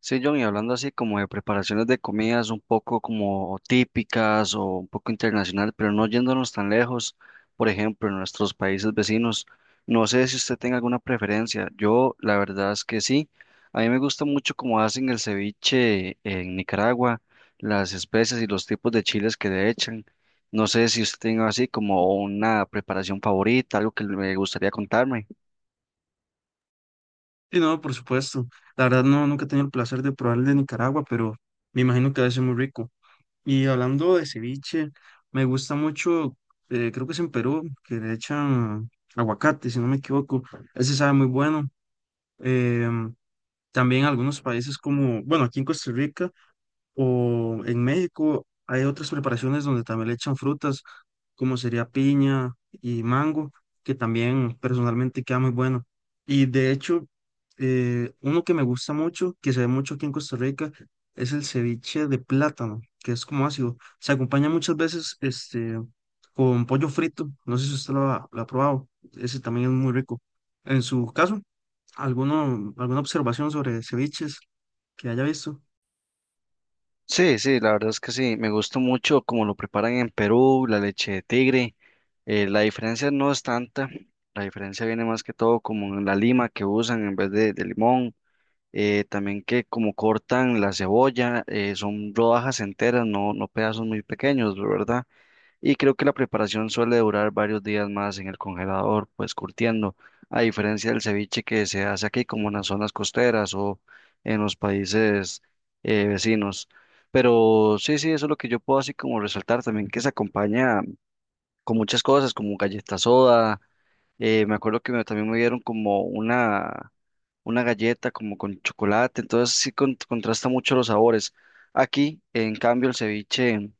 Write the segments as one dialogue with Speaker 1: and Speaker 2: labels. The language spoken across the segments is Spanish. Speaker 1: Sí, John, y hablando así como de preparaciones de comidas un poco como típicas o un poco internacional, pero no yéndonos tan lejos, por ejemplo, en nuestros países vecinos, no sé si usted tenga alguna preferencia. Yo, la verdad es que sí. A mí me gusta mucho cómo hacen el ceviche en Nicaragua, las especias y los tipos de chiles que le echan. No sé si usted tenga así como una preparación favorita, algo que le gustaría contarme.
Speaker 2: Sí, no, por supuesto. La verdad no, nunca he tenido el placer de probar el de Nicaragua, pero me imagino que debe ser muy rico. Y hablando de ceviche, me gusta mucho, creo que es en Perú, que le echan aguacate, si no me equivoco. Ese sabe muy bueno. Em, también algunos países como, bueno, aquí en Costa Rica. O en México hay otras preparaciones donde también le echan frutas, como sería piña y mango, que también personalmente queda muy bueno. Y de hecho, uno que me gusta mucho, que se ve mucho aquí en Costa Rica, es el ceviche de plátano, que es como ácido. Se acompaña muchas veces este, con pollo frito. No sé si usted lo ha probado. Ese también es muy rico. En su caso, alguna observación sobre ceviches que haya visto?
Speaker 1: Sí, sí, la verdad es que sí, me gusta mucho cómo lo preparan en Perú, la leche de tigre. La diferencia no es tanta, la diferencia viene más que todo como en la lima que usan en vez de limón, también que como cortan la cebolla, son rodajas enteras, no, no pedazos muy pequeños, ¿verdad? Y creo que la preparación suele durar varios días más en el congelador, pues curtiendo, a diferencia del ceviche que se hace aquí como en las zonas costeras o en los países vecinos. Pero sí, sí, eso es lo que yo puedo así como resaltar también, que se acompaña con muchas cosas, como galleta soda. Me acuerdo que también me dieron como una galleta como con chocolate, entonces sí contrasta mucho los sabores. Aquí, en cambio, el ceviche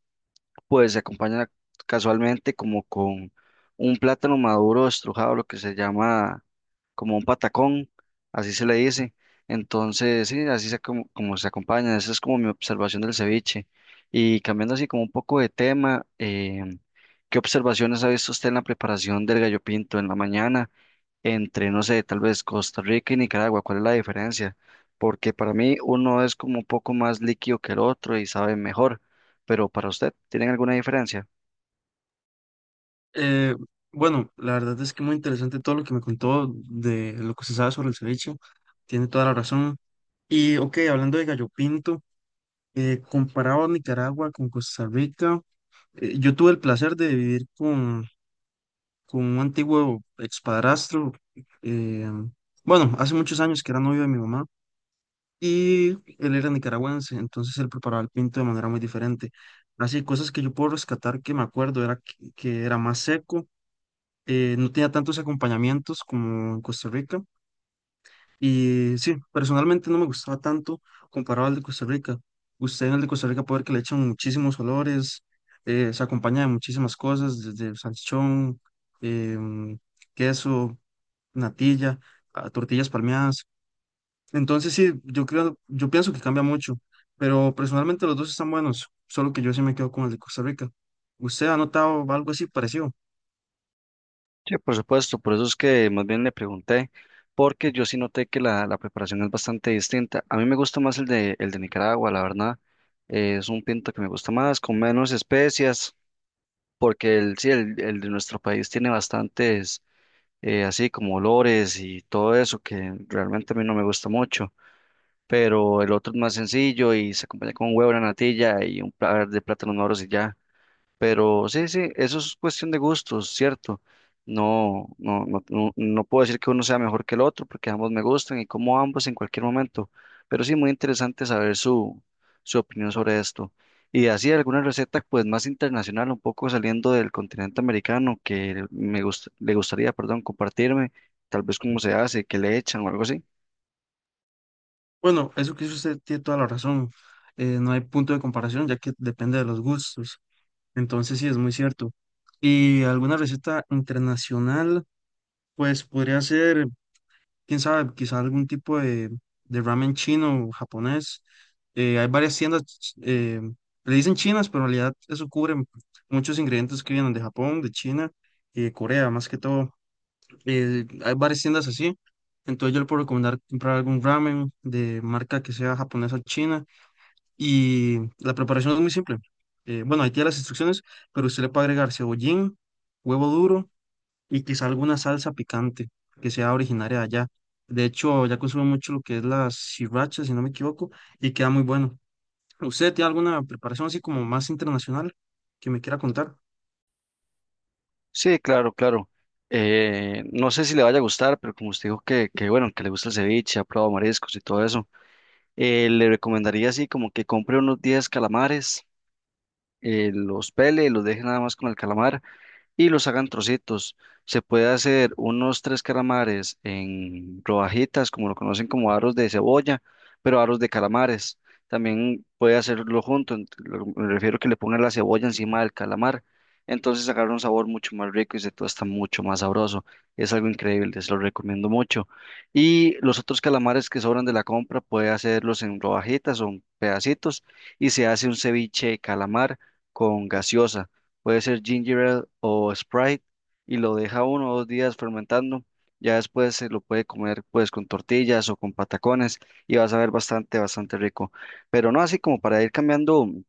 Speaker 1: pues se acompaña casualmente como con un plátano maduro estrujado, lo que se llama como un patacón, así se le dice. Entonces, sí, así se como, como se acompaña. Esa es como mi observación del ceviche. Y cambiando así como un poco de tema, ¿qué observaciones ha visto usted en la preparación del gallo pinto en la mañana entre, no sé, tal vez Costa Rica y Nicaragua? ¿Cuál es la diferencia? Porque para mí uno es como un poco más líquido que el otro y sabe mejor, pero para usted, ¿tienen alguna diferencia?
Speaker 2: Eh, bueno, la verdad es que muy interesante todo lo que me contó de lo que se sabe sobre el ceviche. Tiene toda la razón. Y, ok, hablando de gallo pinto, comparado a Nicaragua con Costa Rica, yo tuve el placer de con un antiguo expadrastro. eh, bueno, hace muchos años que era novio de mi mamá y él era nicaragüense, entonces él preparaba el pinto de manera muy diferente. Así, cosas que yo puedo rescatar que me acuerdo era que era más seco, no tenía tantos acompañamientos como en Costa Rica. Y sí, personalmente no me gustaba tanto comparado al de Costa Rica. Usted en el de Costa Rica puede ver que le echan muchísimos olores, se acompaña de muchísimas cosas, desde salchichón, em, queso, natilla, a tortillas palmeadas. Entonces sí, yo pienso que cambia mucho, pero personalmente los dos están buenos, solo que yo sí me quedo con el de Costa Rica. ¿Usted ha notado algo así parecido?
Speaker 1: Sí, por supuesto, por eso es que más bien le pregunté, porque yo sí noté que la preparación es bastante distinta. A mí me gusta más el de Nicaragua, la verdad. Es un pinto que me gusta más, con menos especias, porque el de nuestro país tiene bastantes, así como olores y todo eso, que realmente a mí no me gusta mucho. Pero el otro es más sencillo y se acompaña con un huevo, una natilla y un par de plátanos moros y ya. Pero sí, sí, eso es cuestión de gustos, ¿cierto? No, no, no, no, no puedo decir que uno sea mejor que el otro porque ambos me gustan y como ambos en cualquier momento. Pero sí, muy interesante saber su opinión sobre esto. Y así alguna receta pues más internacional, un poco saliendo del continente americano que me le gustaría, perdón, compartirme, tal vez cómo se hace, qué le echan o algo así.
Speaker 2: Bueno, eso que dice usted tiene toda la razón. No hay punto de comparación ya que depende de los gustos. Entonces sí, es muy cierto. Y alguna receta internacional, pues podría ser, quién sabe, quizá algún tipo de ramen chino o japonés. Hay varias tiendas, le dicen chinas, pero en realidad eso cubre muchos ingredientes que vienen de Japón, de China y de Corea, más que todo. Hay varias tiendas así. Entonces yo le puedo recomendar comprar algún ramen de marca que sea japonesa o china y la preparación es muy simple. Bueno, ahí tiene las instrucciones, pero usted le puede agregar cebollín, huevo duro y quizá alguna salsa picante que sea originaria de allá. De hecho, ya consumo mucho lo que es la sriracha, si no me equivoco, y queda muy bueno. ¿Usted tiene alguna preparación así como más internacional que me quiera contar?
Speaker 1: Sí, claro, claro. No sé si le vaya a gustar, pero como usted dijo que bueno, que le gusta el ceviche, ha probado mariscos y todo eso. Le recomendaría así como que compre unos 10 calamares, los pele, los deje nada más con el calamar y los hagan trocitos. Se puede hacer unos tres calamares en rodajitas, como lo conocen como aros de cebolla, pero aros de calamares. También puede hacerlo junto, me refiero que le pongan la cebolla encima del calamar. Entonces agarra un sabor mucho más rico y se está mucho más sabroso. Es algo increíble, se lo recomiendo mucho. Y los otros calamares que sobran de la compra puede hacerlos en rodajitas o en pedacitos y se hace un ceviche de calamar con gaseosa, puede ser ginger ale o Sprite, y lo deja uno o dos días fermentando. Ya después se lo puede comer pues con tortillas o con patacones y vas a ver bastante, bastante rico. Pero no, así como para ir cambiando un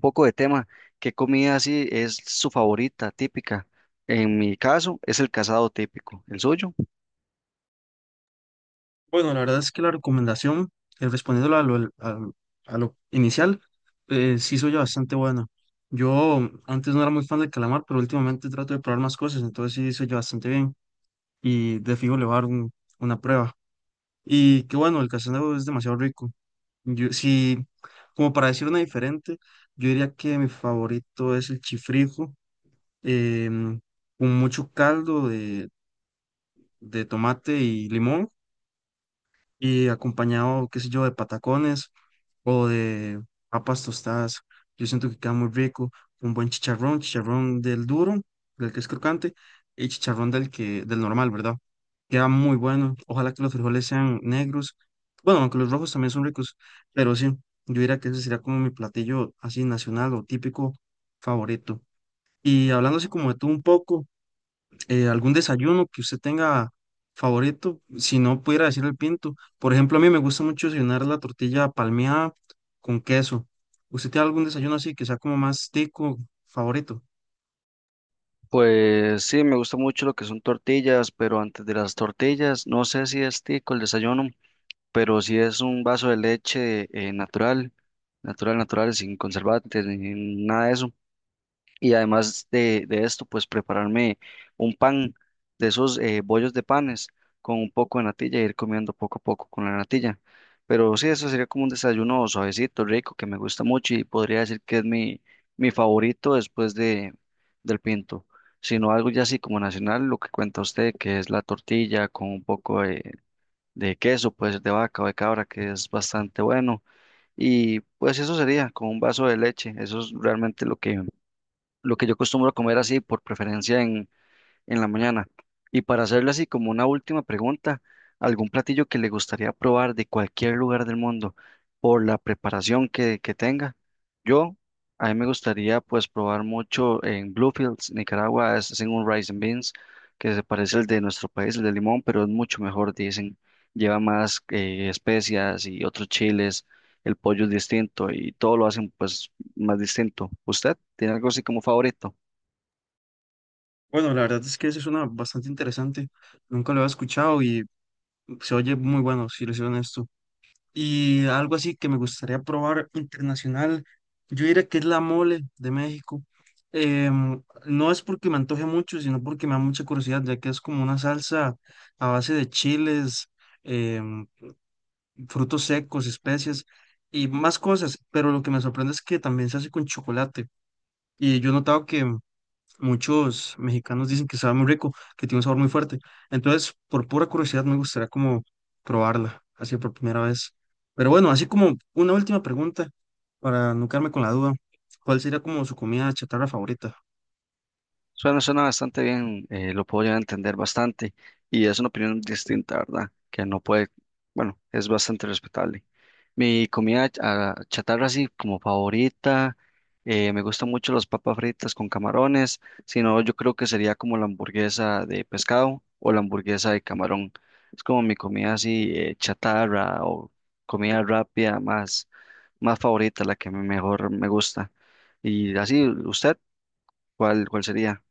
Speaker 1: poco de tema, ¿qué comida así es su favorita típica? En mi caso es el casado típico, ¿el suyo?
Speaker 2: Bueno, la verdad es que la recomendación, respondiendo a a lo inicial, sí soy bastante buena. Yo antes no era muy fan del calamar, pero últimamente trato de probar más cosas, entonces sí soy bastante bien y de fijo le voy a dar una prueba. Y que bueno, el casaneo es demasiado rico. Yo, sí, como para decir una diferente, yo diría que mi favorito es el chifrijo, em, con mucho caldo de tomate y limón y acompañado, qué sé yo, de patacones o de papas tostadas. Yo siento que queda muy rico, un buen chicharrón, chicharrón del duro, del que es crocante, y chicharrón del normal, ¿verdad? Queda muy bueno. Ojalá que los frijoles sean negros. Bueno, aunque los rojos también son ricos, pero sí, yo diría que ese sería como mi platillo así nacional o típico favorito. Y hablando así como de todo un poco, algún desayuno que usted tenga favorito, si no pudiera decir el pinto. Por ejemplo, a mí me gusta mucho desayunar la tortilla palmeada con queso. ¿Usted tiene algún desayuno así que sea como más tico favorito?
Speaker 1: Pues sí, me gusta mucho lo que son tortillas, pero antes de las tortillas, no sé si es tico el desayuno, pero si es un vaso de leche, natural, natural, natural, sin conservantes, ni nada de eso. Y además de esto, pues prepararme un pan de esos, bollos de panes con un poco de natilla y ir comiendo poco a poco con la natilla. Pero sí, eso sería como un desayuno suavecito, rico, que me gusta mucho y podría decir que es mi favorito después del pinto. Sino algo ya así como nacional, lo que cuenta usted, que es la tortilla con un poco de queso, puede ser de vaca o de cabra, que es bastante bueno. Y pues eso sería con un vaso de leche. Eso es realmente lo que yo acostumbro a comer así por preferencia en la mañana. Y para hacerle así como una última pregunta, ¿algún platillo que le gustaría probar de cualquier lugar del mundo por la preparación que tenga? Yo, a mí me gustaría pues probar mucho en Bluefields, Nicaragua, es, hacen un rice and beans que se parece al de nuestro país, el de limón, pero es mucho mejor, dicen. Lleva más, especias y otros chiles, el pollo es distinto y todo lo hacen pues más distinto. ¿Usted tiene algo así como favorito?
Speaker 2: Bueno, la verdad es que ese suena bastante interesante. Nunca lo había escuchado y se oye muy bueno, si les soy honesto. Y algo así que me gustaría probar internacional, yo diría que es la mole de México. No es porque me antoje mucho, sino porque me da mucha curiosidad, ya que es como una salsa a base de chiles, em, frutos secos, especias y más cosas. Pero lo que me sorprende es que también se hace con chocolate. Y yo he notado que muchos mexicanos dicen que sabe muy rico, que tiene un sabor muy fuerte. Entonces, por pura curiosidad, me gustaría como probarla, así por primera vez. Pero bueno, así como una última pregunta, para no quedarme con la duda, ¿cuál sería como su comida chatarra favorita?
Speaker 1: Suena, suena bastante bien, lo puedo llegar a entender bastante y es una opinión distinta, ¿verdad? Que no puede, bueno, es bastante respetable. Mi comida ah, chatarra así como favorita, me gustan mucho las papas fritas con camarones, si no yo creo que sería como la hamburguesa de pescado o la hamburguesa de camarón. Es como mi comida así, chatarra o comida rápida más favorita, la que mejor me gusta. Y así, ¿usted cuál sería?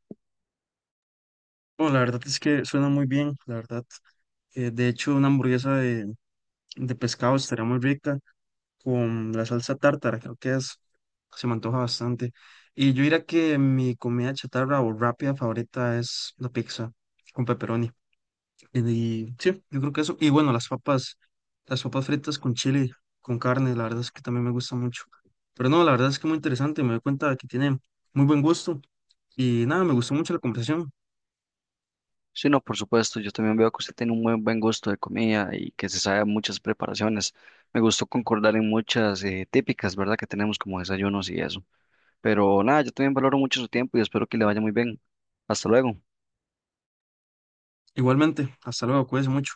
Speaker 2: Bueno, la verdad es que suena muy bien, la verdad. De hecho, una hamburguesa de pescado estaría muy rica, con la salsa tártara, creo que es, se me antoja bastante. Y yo diría que mi comida chatarra o rápida favorita es la pizza con pepperoni. Y sí, yo creo que eso. Y bueno, las papas fritas con chile, con carne, la verdad es que también me gusta mucho. Pero no, la verdad es que muy interesante, me doy cuenta de que tiene muy buen gusto. Y nada, me gustó mucho la conversación.
Speaker 1: Sí, no, por supuesto. Yo también veo que usted tiene un muy buen gusto de comida y que se sabe muchas preparaciones. Me gustó concordar en muchas, típicas, ¿verdad? Que tenemos como desayunos y eso. Pero nada, yo también valoro mucho su tiempo y espero que le vaya muy bien. Hasta luego.
Speaker 2: Igualmente, hasta luego, cuídense mucho.